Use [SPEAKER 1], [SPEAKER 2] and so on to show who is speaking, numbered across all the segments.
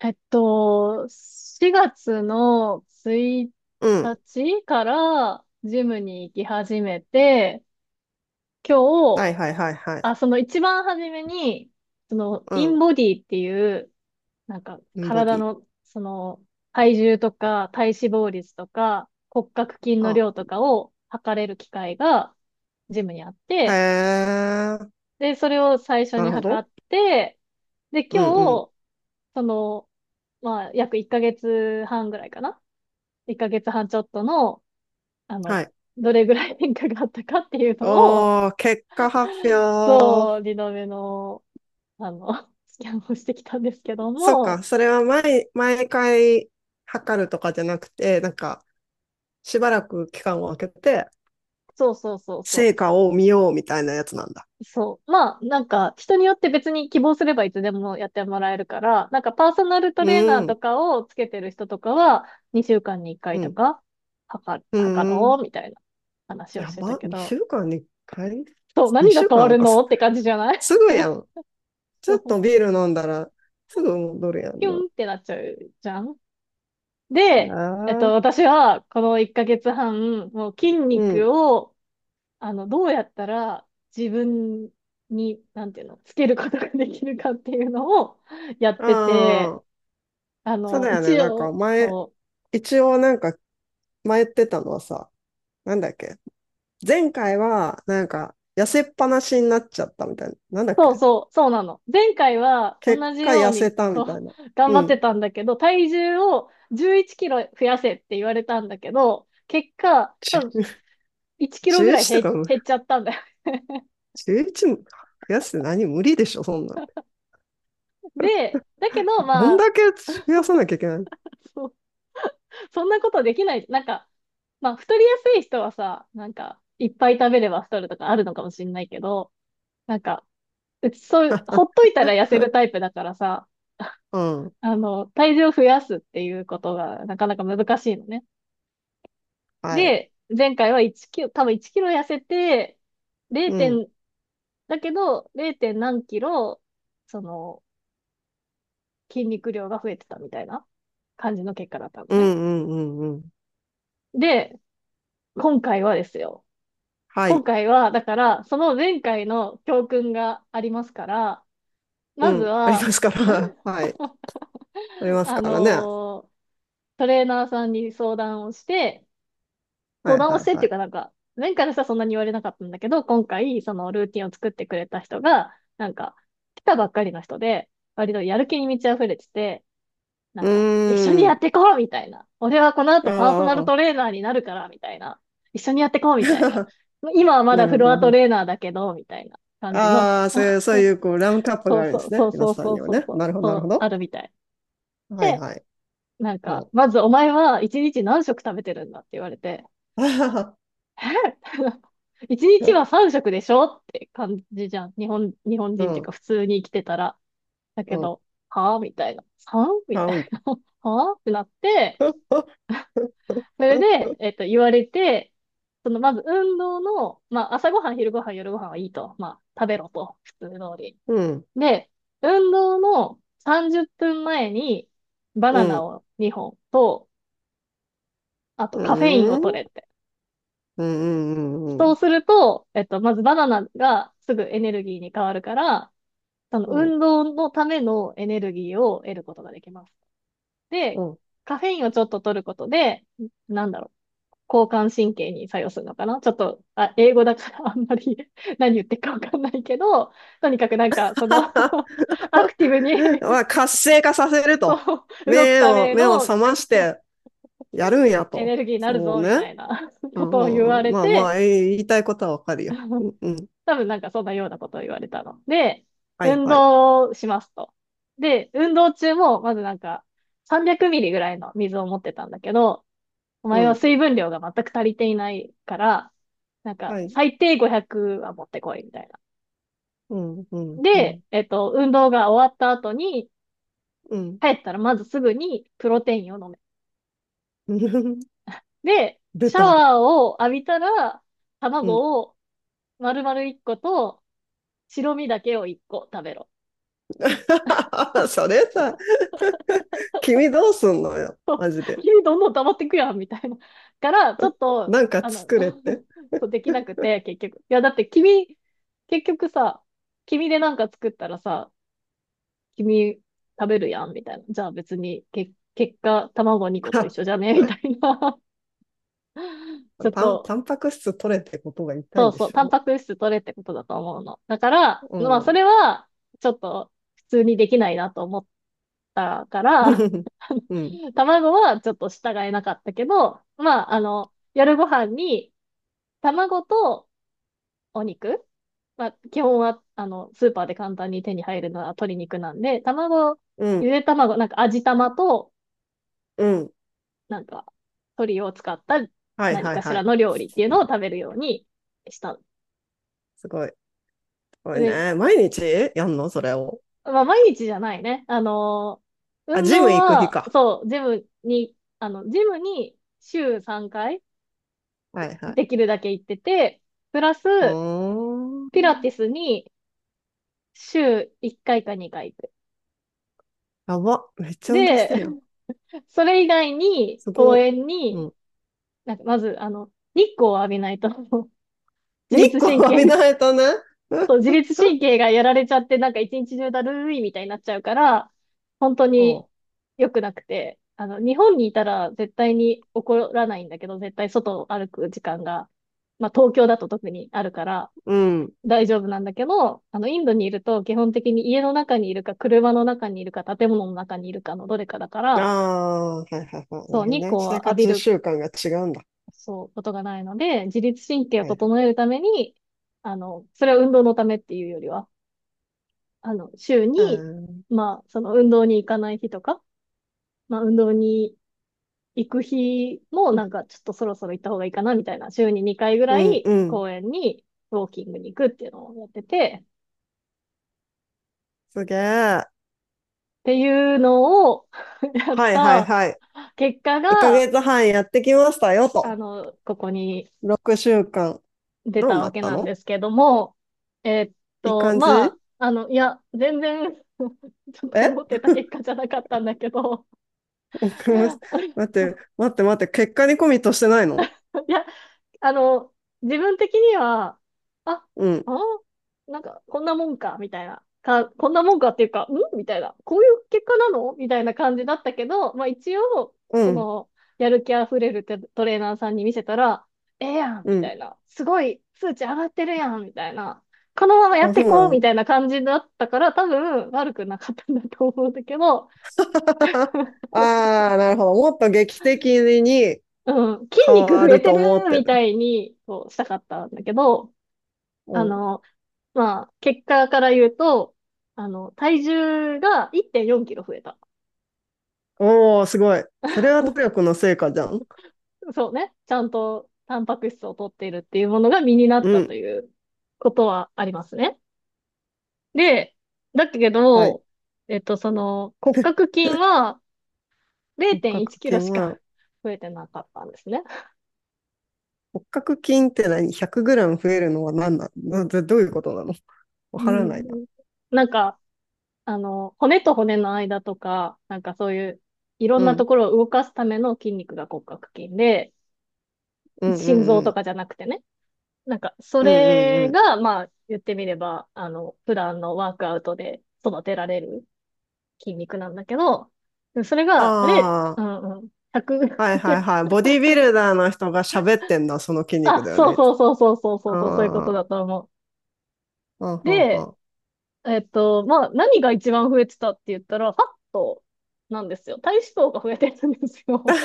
[SPEAKER 1] 4月の1
[SPEAKER 2] うん。
[SPEAKER 1] 日からジムに行き始めて、今
[SPEAKER 2] は
[SPEAKER 1] 日、
[SPEAKER 2] いはいはいは
[SPEAKER 1] あ、
[SPEAKER 2] い。
[SPEAKER 1] その一番初めに、その、イン
[SPEAKER 2] う
[SPEAKER 1] ボディっていう、なんか、
[SPEAKER 2] ん。ボデ
[SPEAKER 1] 体
[SPEAKER 2] ィ。
[SPEAKER 1] の、体重とか、体脂肪率とか、骨格筋の
[SPEAKER 2] あ。
[SPEAKER 1] 量とかを測れる機械が、ジムにあっ
[SPEAKER 2] へ
[SPEAKER 1] て、
[SPEAKER 2] え。
[SPEAKER 1] で、それを最初
[SPEAKER 2] な
[SPEAKER 1] に
[SPEAKER 2] るほ
[SPEAKER 1] 測
[SPEAKER 2] ど。
[SPEAKER 1] って、で、
[SPEAKER 2] うんうん。
[SPEAKER 1] 今日、その、まあ、約1ヶ月半ぐらいかな、1ヶ月半ちょっとの、あの、
[SPEAKER 2] はい。
[SPEAKER 1] どれぐらい変化があったかっていうのを、
[SPEAKER 2] おー、結果発表。
[SPEAKER 1] そう、リノベの、スキャンをしてきたんですけど
[SPEAKER 2] そっ
[SPEAKER 1] も、
[SPEAKER 2] か。それは毎回測るとかじゃなくて、なんか、しばらく期間を空けて、
[SPEAKER 1] そうそうそう
[SPEAKER 2] 成
[SPEAKER 1] そ
[SPEAKER 2] 果を見ようみたいなやつなんだ。
[SPEAKER 1] う。そう。まあ、なんか、人によって別に希望すればいつでもやってもらえるから、なんかパーソナルト
[SPEAKER 2] う
[SPEAKER 1] レーナーと
[SPEAKER 2] ん。
[SPEAKER 1] かをつけてる人とかは、2週間に1回
[SPEAKER 2] う
[SPEAKER 1] と
[SPEAKER 2] ん。
[SPEAKER 1] か、測る、
[SPEAKER 2] う
[SPEAKER 1] 測
[SPEAKER 2] ん。
[SPEAKER 1] ろう、みたいな話を
[SPEAKER 2] や
[SPEAKER 1] してた
[SPEAKER 2] ば。
[SPEAKER 1] け
[SPEAKER 2] 2
[SPEAKER 1] ど、
[SPEAKER 2] 週間にいっかい？
[SPEAKER 1] そう、
[SPEAKER 2] 2
[SPEAKER 1] 何が
[SPEAKER 2] 週
[SPEAKER 1] 変
[SPEAKER 2] 間
[SPEAKER 1] わ
[SPEAKER 2] なん
[SPEAKER 1] る
[SPEAKER 2] か
[SPEAKER 1] のって感じじゃない？
[SPEAKER 2] す ぐやん。ち
[SPEAKER 1] そ
[SPEAKER 2] ょっと
[SPEAKER 1] う
[SPEAKER 2] ビール飲んだら、すぐ戻るや
[SPEAKER 1] ピ
[SPEAKER 2] んな。
[SPEAKER 1] ュンってなっちゃうじゃん。
[SPEAKER 2] あ
[SPEAKER 1] で、
[SPEAKER 2] あ。
[SPEAKER 1] 私は、この1ヶ月半、もう筋
[SPEAKER 2] うん。
[SPEAKER 1] 肉を、どうやったら自分に、なんていうの、つけることができるかっていうのを やっ
[SPEAKER 2] あ
[SPEAKER 1] てて、
[SPEAKER 2] あ、そうだよね。
[SPEAKER 1] 一
[SPEAKER 2] なんか
[SPEAKER 1] 応、
[SPEAKER 2] 前、
[SPEAKER 1] そう、
[SPEAKER 2] 一応なんか前言ってたのはさ、なんだっけ。前回はなんか痩せっぱなしになっちゃったみたいな。なんだっ
[SPEAKER 1] そう
[SPEAKER 2] け。
[SPEAKER 1] そう、そうなの。前回は
[SPEAKER 2] 結
[SPEAKER 1] 同じ
[SPEAKER 2] 果
[SPEAKER 1] よう
[SPEAKER 2] 痩せ
[SPEAKER 1] に、
[SPEAKER 2] た
[SPEAKER 1] そ
[SPEAKER 2] みた
[SPEAKER 1] う、
[SPEAKER 2] いな。
[SPEAKER 1] 頑
[SPEAKER 2] う
[SPEAKER 1] 張って
[SPEAKER 2] ん。
[SPEAKER 1] たんだけど、体重を11キロ増やせって言われたんだけど、結果、
[SPEAKER 2] じ
[SPEAKER 1] 多分1キロぐらい
[SPEAKER 2] 11と
[SPEAKER 1] 減、
[SPEAKER 2] かも、
[SPEAKER 1] 減っちゃったんだよ。
[SPEAKER 2] 11も増やすって何、無理でしょそんなん。
[SPEAKER 1] で、だけど、
[SPEAKER 2] ど
[SPEAKER 1] ま
[SPEAKER 2] ん
[SPEAKER 1] あ、
[SPEAKER 2] だけ増やさなきゃいけないの。
[SPEAKER 1] そんなことできない。なんか、まあ、太りやすい人はさ、なんか、いっぱい食べれば太るとかあるのかもしれないけど、なんか、うちそういう、ほっといたら痩せるタイプだからさ、
[SPEAKER 2] うん。
[SPEAKER 1] 体重を増やすっていうことがなかなか難しいのね。
[SPEAKER 2] はい。
[SPEAKER 1] で、前回は1キロ、多分1キロ痩せて、0
[SPEAKER 2] うん。
[SPEAKER 1] 点、だけど、0. 点何キロ、その、筋肉量が増えてたみたいな感じの結果だったの
[SPEAKER 2] うん
[SPEAKER 1] ね。
[SPEAKER 2] うんうんうん。
[SPEAKER 1] で、今回はですよ。
[SPEAKER 2] は
[SPEAKER 1] 今
[SPEAKER 2] い。
[SPEAKER 1] 回は、だから、その前回の教訓がありますから、
[SPEAKER 2] う
[SPEAKER 1] まず
[SPEAKER 2] ん。あり
[SPEAKER 1] は、
[SPEAKER 2] ますから。はい。あります
[SPEAKER 1] あ
[SPEAKER 2] からね。は
[SPEAKER 1] のートレーナーさんに相談をして、
[SPEAKER 2] いは
[SPEAKER 1] 相
[SPEAKER 2] い
[SPEAKER 1] 談をしてっ
[SPEAKER 2] は
[SPEAKER 1] ていう
[SPEAKER 2] い。
[SPEAKER 1] かなんか、前回の人はそんなに言われなかったんだけど、今回、そのルーティンを作ってくれた人が、なんか、来たばっかりの人で、割とやる気に満ち溢れてて、な
[SPEAKER 2] う
[SPEAKER 1] んか、一緒に
[SPEAKER 2] ー
[SPEAKER 1] やって
[SPEAKER 2] ん。
[SPEAKER 1] こうみたいな。俺はこの
[SPEAKER 2] あ
[SPEAKER 1] 後パーソナル
[SPEAKER 2] あ。
[SPEAKER 1] トレーナーになるから、みたいな。一緒にやってこうみたいな。今はま
[SPEAKER 2] な
[SPEAKER 1] だ
[SPEAKER 2] る
[SPEAKER 1] フ
[SPEAKER 2] ほど、
[SPEAKER 1] ロ
[SPEAKER 2] な
[SPEAKER 1] ア
[SPEAKER 2] る
[SPEAKER 1] ト
[SPEAKER 2] ほど。
[SPEAKER 1] レーナーだけど、みたいな感じの人。
[SPEAKER 2] ああ、そういう、そうい う、こう、ラムカップ
[SPEAKER 1] そ
[SPEAKER 2] があ
[SPEAKER 1] う
[SPEAKER 2] るんで
[SPEAKER 1] そう
[SPEAKER 2] す
[SPEAKER 1] そ
[SPEAKER 2] ね。
[SPEAKER 1] う
[SPEAKER 2] 皆
[SPEAKER 1] そう
[SPEAKER 2] さん
[SPEAKER 1] そう
[SPEAKER 2] には
[SPEAKER 1] そう
[SPEAKER 2] ね。
[SPEAKER 1] そう、
[SPEAKER 2] なるほど、な
[SPEAKER 1] そ
[SPEAKER 2] るほ
[SPEAKER 1] うあ
[SPEAKER 2] ど。
[SPEAKER 1] るみたい。
[SPEAKER 2] はい
[SPEAKER 1] で、
[SPEAKER 2] はい。
[SPEAKER 1] なん
[SPEAKER 2] う
[SPEAKER 1] か、
[SPEAKER 2] ん。
[SPEAKER 1] まずお前は一日何食食べてるんだって言われて、
[SPEAKER 2] あはは。
[SPEAKER 1] え一日 は三食でしょって感じじゃん。日本、日本
[SPEAKER 2] う
[SPEAKER 1] 人っていう
[SPEAKER 2] ん、
[SPEAKER 1] か普通に生きてたら。だけ
[SPEAKER 2] うん。
[SPEAKER 1] ど、はぁみたいな。三み
[SPEAKER 2] 買
[SPEAKER 1] たい
[SPEAKER 2] うんだ。
[SPEAKER 1] な。はぁってなって、それ で、言われて、その、まず運動の、まあ、朝ごはん、昼ごはん、夜ごはんはいいと。まあ、食べろと。普通通り。
[SPEAKER 2] うん、
[SPEAKER 1] で、運動の30分前にバ
[SPEAKER 2] う
[SPEAKER 1] ナナ
[SPEAKER 2] ん、
[SPEAKER 1] を2本と、あと
[SPEAKER 2] う
[SPEAKER 1] カフェイン
[SPEAKER 2] ん、
[SPEAKER 1] を
[SPEAKER 2] うん、
[SPEAKER 1] 取れって。
[SPEAKER 2] うん、うん、うん、
[SPEAKER 1] そ
[SPEAKER 2] う
[SPEAKER 1] うすると、まずバナナがすぐエネルギーに変わるから、その
[SPEAKER 2] ん。
[SPEAKER 1] 運動のためのエネルギーを得ることができます。で、カフェインをちょっと取ることで、なんだろう、交感神経に作用するのかなちょっと、あ、英語だから あんまり 何言ってるかわかんないけど、とにかくなんか、その アクティブ に、
[SPEAKER 2] まあ、活性化させる
[SPEAKER 1] そ
[SPEAKER 2] と。
[SPEAKER 1] う、動く
[SPEAKER 2] 目
[SPEAKER 1] た
[SPEAKER 2] を、
[SPEAKER 1] め
[SPEAKER 2] 目を
[SPEAKER 1] の
[SPEAKER 2] 覚ましてやるんや
[SPEAKER 1] エネ
[SPEAKER 2] と。
[SPEAKER 1] ルギーになる
[SPEAKER 2] そう
[SPEAKER 1] ぞ、み
[SPEAKER 2] ね。
[SPEAKER 1] たいな
[SPEAKER 2] う
[SPEAKER 1] こ
[SPEAKER 2] ん、
[SPEAKER 1] とを
[SPEAKER 2] う
[SPEAKER 1] 言わ
[SPEAKER 2] んうん、
[SPEAKER 1] れ
[SPEAKER 2] まあま
[SPEAKER 1] て、
[SPEAKER 2] あ、言いたいことはわかるよ。うん、うん。
[SPEAKER 1] 多分なんかそんなようなことを言われたの。で、
[SPEAKER 2] はい、
[SPEAKER 1] 運
[SPEAKER 2] はい。
[SPEAKER 1] 動をしますと。で、運動中も、まずなんか、300ミリぐらいの水を持ってたんだけど、お
[SPEAKER 2] う
[SPEAKER 1] 前は
[SPEAKER 2] ん。
[SPEAKER 1] 水分量が全く足りていないから、なんか、
[SPEAKER 2] はい。
[SPEAKER 1] 最低500は持ってこい、みたいな。
[SPEAKER 2] うん、うん、う
[SPEAKER 1] で、
[SPEAKER 2] ん、
[SPEAKER 1] 運動が終わった後に、
[SPEAKER 2] うん。
[SPEAKER 1] 帰ったらまずすぐにプロテインを飲 で、
[SPEAKER 2] 出
[SPEAKER 1] シャ
[SPEAKER 2] た。
[SPEAKER 1] ワーを浴びたら、
[SPEAKER 2] うん。
[SPEAKER 1] 卵を丸々1個と、白身だけを1個食べろ。
[SPEAKER 2] それさ、君どうすんのよ。マジ で。
[SPEAKER 1] どんどん溜まってくやん、みたいな。から、ちょっと、
[SPEAKER 2] なんか
[SPEAKER 1] あの、
[SPEAKER 2] 作れって。
[SPEAKER 1] そうできなくて、結局。いや、だって君、結局さ、君でなんか作ったらさ、君食べるやん、みたいな。じゃあ別に、結果、卵2個と一緒じ ゃねみたいな。ちょっと、
[SPEAKER 2] タンパク質取れってことが言いたい
[SPEAKER 1] そ
[SPEAKER 2] ん
[SPEAKER 1] う
[SPEAKER 2] で
[SPEAKER 1] そう、
[SPEAKER 2] し
[SPEAKER 1] タン
[SPEAKER 2] ょ。
[SPEAKER 1] パク質取れってことだと思うの。だから、
[SPEAKER 2] う
[SPEAKER 1] まあ、そ
[SPEAKER 2] ん。
[SPEAKER 1] れは、ちょっと、普通にできないなと思ったから、
[SPEAKER 2] うん。
[SPEAKER 1] 卵はちょっと従えなかったけど、まあ、夜ご飯に、卵とお肉、まあ、基本は、スーパーで簡単に手に入るのは鶏肉なんで、卵、
[SPEAKER 2] う
[SPEAKER 1] ゆ
[SPEAKER 2] ん。
[SPEAKER 1] で卵、なんか味玉と、
[SPEAKER 2] うん。
[SPEAKER 1] なんか、鶏を使った
[SPEAKER 2] はい
[SPEAKER 1] 何
[SPEAKER 2] はい
[SPEAKER 1] かし
[SPEAKER 2] は
[SPEAKER 1] ら
[SPEAKER 2] い。
[SPEAKER 1] の料理っていうのを
[SPEAKER 2] す
[SPEAKER 1] 食べるようにした。
[SPEAKER 2] ごい。すごい
[SPEAKER 1] で、
[SPEAKER 2] ね。毎日やんのそれを。
[SPEAKER 1] まあ、毎日じゃないね。
[SPEAKER 2] あ、
[SPEAKER 1] 運
[SPEAKER 2] ジム
[SPEAKER 1] 動
[SPEAKER 2] 行く日
[SPEAKER 1] は、
[SPEAKER 2] か。
[SPEAKER 1] そう、ジムに、ジムに週3回
[SPEAKER 2] はいは
[SPEAKER 1] で
[SPEAKER 2] い。
[SPEAKER 1] きるだけ行ってて、プラ
[SPEAKER 2] う
[SPEAKER 1] ス、
[SPEAKER 2] ー
[SPEAKER 1] ピラティ
[SPEAKER 2] ん。
[SPEAKER 1] スに週1回か2回行く。
[SPEAKER 2] やば。めっちゃ運動し
[SPEAKER 1] で、
[SPEAKER 2] てるやん。
[SPEAKER 1] それ以外に
[SPEAKER 2] す
[SPEAKER 1] 公
[SPEAKER 2] ご
[SPEAKER 1] 園
[SPEAKER 2] い。う
[SPEAKER 1] に、
[SPEAKER 2] ん。
[SPEAKER 1] なんかまず、日光を浴びないと 自
[SPEAKER 2] 日
[SPEAKER 1] 律
[SPEAKER 2] 光
[SPEAKER 1] 神
[SPEAKER 2] 浴び
[SPEAKER 1] 経、
[SPEAKER 2] ないとね。
[SPEAKER 1] そう、自律神 経がやられちゃって、なんか一日中だるいみたいになっちゃうから、本当に
[SPEAKER 2] そ
[SPEAKER 1] 良くなくて、日本にいたら絶対に怒らないんだけど、絶対外を歩く時間が、まあ東京だと特にあるから
[SPEAKER 2] う。うん。
[SPEAKER 1] 大丈夫なんだけど、インドにいると基本的に家の中にいるか、車の中にいるか、建物の中にいるかのどれかだか
[SPEAKER 2] あ
[SPEAKER 1] ら、
[SPEAKER 2] あ、はいはいはい。なるほ
[SPEAKER 1] そう、
[SPEAKER 2] ど
[SPEAKER 1] 日
[SPEAKER 2] ね。
[SPEAKER 1] 光
[SPEAKER 2] 生
[SPEAKER 1] は浴び
[SPEAKER 2] 活
[SPEAKER 1] る、
[SPEAKER 2] 習慣が違うんだ。
[SPEAKER 1] そう、ことがないので、自律神経を
[SPEAKER 2] はいはい。
[SPEAKER 1] 整えるために、それは運動のためっていうよりは、週
[SPEAKER 2] あ
[SPEAKER 1] に、
[SPEAKER 2] ー。
[SPEAKER 1] まあ、その運動に行かない日とか、まあ、運動に行く日も、なんか、ちょっとそろそろ行った方がいいかな、みたいな、週に2回ぐ
[SPEAKER 2] う
[SPEAKER 1] ら
[SPEAKER 2] ん
[SPEAKER 1] い
[SPEAKER 2] うん。
[SPEAKER 1] 公園にウォーキングに行くっていうのをやってて、
[SPEAKER 2] すげえ。
[SPEAKER 1] っていうのを やっ
[SPEAKER 2] はいはい
[SPEAKER 1] た
[SPEAKER 2] はい。
[SPEAKER 1] 結果
[SPEAKER 2] 1ヶ
[SPEAKER 1] が、
[SPEAKER 2] 月半やってきましたよと。
[SPEAKER 1] ここに
[SPEAKER 2] 6週間。
[SPEAKER 1] 出
[SPEAKER 2] どう
[SPEAKER 1] た
[SPEAKER 2] な
[SPEAKER 1] わ
[SPEAKER 2] っ
[SPEAKER 1] け
[SPEAKER 2] た
[SPEAKER 1] なん
[SPEAKER 2] の？
[SPEAKER 1] ですけども、えっ
[SPEAKER 2] いい感
[SPEAKER 1] ま
[SPEAKER 2] じ？
[SPEAKER 1] あ、いや、全然 ちょっと思
[SPEAKER 2] え、
[SPEAKER 1] ってた結果じゃなかったんだけど、
[SPEAKER 2] 待って、待って待って。結果にコミットしてないの？
[SPEAKER 1] いや、あの、自分的には、あ、
[SPEAKER 2] うん、
[SPEAKER 1] あ、なんか、こんなもんか、みたいな。こんなもんかっていうか、んみたいな。こういう結果なのみたいな感じだったけど、まあ一応、
[SPEAKER 2] う
[SPEAKER 1] そ
[SPEAKER 2] ん、
[SPEAKER 1] の、やる気あふれるテトレーナーさんに見せたら、ええやん
[SPEAKER 2] う
[SPEAKER 1] みた
[SPEAKER 2] ん。
[SPEAKER 1] いな。すごい、数値上がってるやんみたいな。このままやっ
[SPEAKER 2] あ、そ
[SPEAKER 1] て
[SPEAKER 2] う
[SPEAKER 1] こ
[SPEAKER 2] な
[SPEAKER 1] うみ
[SPEAKER 2] の。
[SPEAKER 1] たいな感じだったから、多分、悪くなかったんだと思うんだけど、
[SPEAKER 2] ああ、なるほど。もっと劇的に
[SPEAKER 1] うん、筋
[SPEAKER 2] 変
[SPEAKER 1] 肉
[SPEAKER 2] わ
[SPEAKER 1] 増え
[SPEAKER 2] る
[SPEAKER 1] て
[SPEAKER 2] と思っ
[SPEAKER 1] る
[SPEAKER 2] て
[SPEAKER 1] みた
[SPEAKER 2] る。
[SPEAKER 1] いに、こう、したかったんだけど、
[SPEAKER 2] う
[SPEAKER 1] あ
[SPEAKER 2] ん。
[SPEAKER 1] の、まあ、結果から言うと、体重が1.4キロ増えた。
[SPEAKER 2] おー、すごい。それは努力 の成果じゃん。
[SPEAKER 1] そうね。ちゃんとタンパク質を取っているっていうものが身になっ
[SPEAKER 2] う
[SPEAKER 1] たと
[SPEAKER 2] ん。
[SPEAKER 1] いうことはありますね。で、だけ
[SPEAKER 2] はい。
[SPEAKER 1] ど、その、骨格筋 は
[SPEAKER 2] 骨
[SPEAKER 1] 0.1
[SPEAKER 2] 格
[SPEAKER 1] キ
[SPEAKER 2] 筋
[SPEAKER 1] ロし
[SPEAKER 2] は、
[SPEAKER 1] か増えてなかったんですね。
[SPEAKER 2] 骨格筋って何？ 100 グラム増えるのは何なの？どういうことなの？
[SPEAKER 1] う
[SPEAKER 2] わからないな。
[SPEAKER 1] ん、なんか、骨と骨の間とか、なんかそういう、いろ
[SPEAKER 2] う
[SPEAKER 1] んなと
[SPEAKER 2] ん。
[SPEAKER 1] ころを動かすための筋肉が骨格筋で、
[SPEAKER 2] うんう
[SPEAKER 1] 心臓
[SPEAKER 2] んう
[SPEAKER 1] と
[SPEAKER 2] ん。
[SPEAKER 1] かじゃなくてね。なんか、そ
[SPEAKER 2] うんうんう
[SPEAKER 1] れ
[SPEAKER 2] ん。
[SPEAKER 1] が、まあ、言ってみれば、普段のワークアウトで育てられる筋肉なんだけど、それが、あれ、
[SPEAKER 2] あ
[SPEAKER 1] うんうん、100、
[SPEAKER 2] あ、はいはいはい。ボディビルダーの人が喋ってんだ、その筋肉
[SPEAKER 1] あ、
[SPEAKER 2] だよ
[SPEAKER 1] そう
[SPEAKER 2] ね。
[SPEAKER 1] そうそうそうそうそうそう、そういうこ
[SPEAKER 2] あ
[SPEAKER 1] と
[SPEAKER 2] あ、
[SPEAKER 1] だと思
[SPEAKER 2] はん
[SPEAKER 1] う。
[SPEAKER 2] はんは
[SPEAKER 1] で、
[SPEAKER 2] ん。
[SPEAKER 1] まあ、何が一番増えてたって言ったら、ファットなんですよ。体脂肪が増えてるんですよ。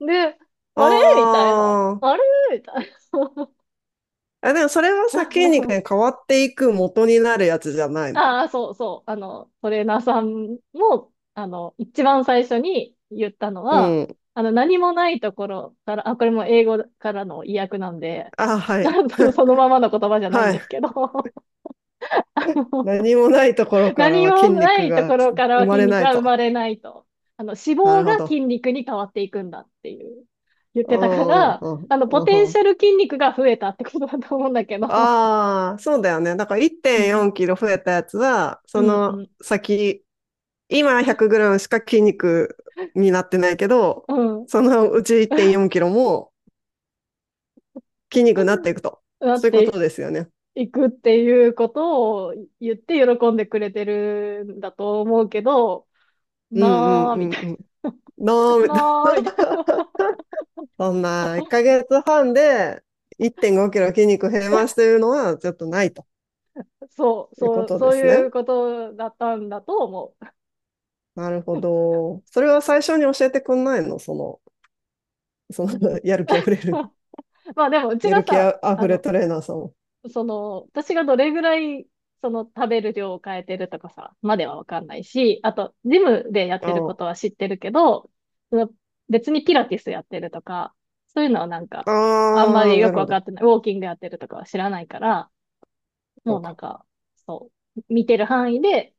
[SPEAKER 1] で、あれみたいな。
[SPEAKER 2] あー。
[SPEAKER 1] あれみたいな。
[SPEAKER 2] あ。でもそれはさ、筋肉に 変わっていく元になるやつじゃないの。
[SPEAKER 1] ああ、そうそう。トレーナーさんも、一番最初に言ったの
[SPEAKER 2] う
[SPEAKER 1] は、
[SPEAKER 2] ん。
[SPEAKER 1] 何もないところから、あ、これも英語からの意訳なんで、
[SPEAKER 2] あ、はい。
[SPEAKER 1] なんそのそのままの言葉じゃないん
[SPEAKER 2] は
[SPEAKER 1] で
[SPEAKER 2] い。
[SPEAKER 1] すけど、
[SPEAKER 2] 何もないところから
[SPEAKER 1] 何
[SPEAKER 2] は
[SPEAKER 1] も
[SPEAKER 2] 筋
[SPEAKER 1] な
[SPEAKER 2] 肉
[SPEAKER 1] いと
[SPEAKER 2] が
[SPEAKER 1] ころからは
[SPEAKER 2] 生ま
[SPEAKER 1] 筋
[SPEAKER 2] れ
[SPEAKER 1] 肉
[SPEAKER 2] ない
[SPEAKER 1] は生
[SPEAKER 2] と。
[SPEAKER 1] まれないと。脂
[SPEAKER 2] な
[SPEAKER 1] 肪
[SPEAKER 2] るほ
[SPEAKER 1] が
[SPEAKER 2] ど。
[SPEAKER 1] 筋肉に変わっていくんだっていう、言っ
[SPEAKER 2] う
[SPEAKER 1] てたか
[SPEAKER 2] んう
[SPEAKER 1] ら、
[SPEAKER 2] ん
[SPEAKER 1] ポ
[SPEAKER 2] う
[SPEAKER 1] テン
[SPEAKER 2] んう
[SPEAKER 1] シ
[SPEAKER 2] ん。
[SPEAKER 1] ャル筋肉が増えたってことだと思うんだけど、
[SPEAKER 2] ああ、そうだよね。だから
[SPEAKER 1] う
[SPEAKER 2] 1.4
[SPEAKER 1] ん、
[SPEAKER 2] キロ増えたやつは、
[SPEAKER 1] う
[SPEAKER 2] そ
[SPEAKER 1] ん、う
[SPEAKER 2] の
[SPEAKER 1] ん、
[SPEAKER 2] 先、今100グラムしか筋肉になってないけど、
[SPEAKER 1] うん。
[SPEAKER 2] そのうち1.4キロも筋肉になっていくと。
[SPEAKER 1] だ
[SPEAKER 2] そ
[SPEAKER 1] っ
[SPEAKER 2] ういうこ
[SPEAKER 1] て、
[SPEAKER 2] とですよね。
[SPEAKER 1] 行くっていうことを言って喜んでくれてるんだと思うけど、
[SPEAKER 2] うんうん
[SPEAKER 1] なあ、
[SPEAKER 2] う
[SPEAKER 1] み
[SPEAKER 2] ん
[SPEAKER 1] たい
[SPEAKER 2] うん。な
[SPEAKER 1] な、
[SPEAKER 2] ー。
[SPEAKER 1] なあ、みたい な。
[SPEAKER 2] そんな1ヶ月半で1.5キロ筋肉減りますというのはちょっとないと
[SPEAKER 1] そう、
[SPEAKER 2] いうこ
[SPEAKER 1] そう、
[SPEAKER 2] とで
[SPEAKER 1] そう
[SPEAKER 2] す
[SPEAKER 1] い
[SPEAKER 2] ね。
[SPEAKER 1] うことだったんだと思う。
[SPEAKER 2] なるほど。それは最初に教えてくんないの、その、その やる気あふれる
[SPEAKER 1] まあでも、うち
[SPEAKER 2] や
[SPEAKER 1] が
[SPEAKER 2] る気あ
[SPEAKER 1] さ、
[SPEAKER 2] ふれトレーナーさんを。
[SPEAKER 1] その、私がどれぐらい、その食べる量を変えてるとかさ、まではわかんないし、あと、ジムでやっ
[SPEAKER 2] あ
[SPEAKER 1] てることは知ってるけど、その別にピラティスやってるとか、そういうのはなんか、あんま
[SPEAKER 2] あ、あ
[SPEAKER 1] り
[SPEAKER 2] ー、
[SPEAKER 1] よ
[SPEAKER 2] な
[SPEAKER 1] く
[SPEAKER 2] る
[SPEAKER 1] わ
[SPEAKER 2] ほ
[SPEAKER 1] か
[SPEAKER 2] ど。
[SPEAKER 1] ってない、ウォーキングやってるとかは知らないから、
[SPEAKER 2] そ
[SPEAKER 1] も
[SPEAKER 2] う
[SPEAKER 1] うなん
[SPEAKER 2] か。
[SPEAKER 1] か、そう、見てる範囲で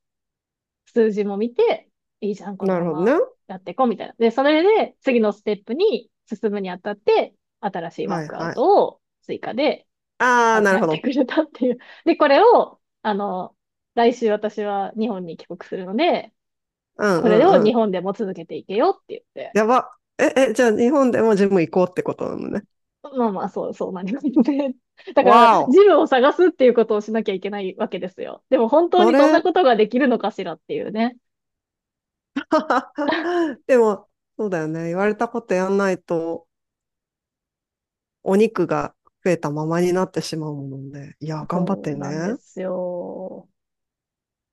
[SPEAKER 1] 数字も見て、いいじゃん、この
[SPEAKER 2] な
[SPEAKER 1] ま
[SPEAKER 2] るほどね。
[SPEAKER 1] まやっていこうみたいな。で、それで次のステップに進むにあたって、新しいワー
[SPEAKER 2] はい
[SPEAKER 1] クアウ
[SPEAKER 2] はい。
[SPEAKER 1] トを追加で
[SPEAKER 2] ああ、
[SPEAKER 1] 考
[SPEAKER 2] なるほ
[SPEAKER 1] えて
[SPEAKER 2] ど。
[SPEAKER 1] くれたっていう。で、これを、来週私は日本に帰国するので、
[SPEAKER 2] うん
[SPEAKER 1] こ
[SPEAKER 2] う
[SPEAKER 1] れを
[SPEAKER 2] んう
[SPEAKER 1] 日
[SPEAKER 2] ん。
[SPEAKER 1] 本でも続けていけよって言って、
[SPEAKER 2] やば。え、え、じゃあ日本でもジム行こうってことなのね。
[SPEAKER 1] まあまあ、そう、そうなりますね。だから、
[SPEAKER 2] わ
[SPEAKER 1] ジ
[SPEAKER 2] お。
[SPEAKER 1] ムを探すっていうことをしなきゃいけないわけですよ。でも本当
[SPEAKER 2] そ
[SPEAKER 1] にそんな
[SPEAKER 2] れ、
[SPEAKER 1] ことができるのかしらっていうね。
[SPEAKER 2] でも、そうだよね。言われたことやんないと、お肉が増えたままになってしまうもので、いや、頑張っ
[SPEAKER 1] そ
[SPEAKER 2] て
[SPEAKER 1] うなんで
[SPEAKER 2] ね。
[SPEAKER 1] すよ。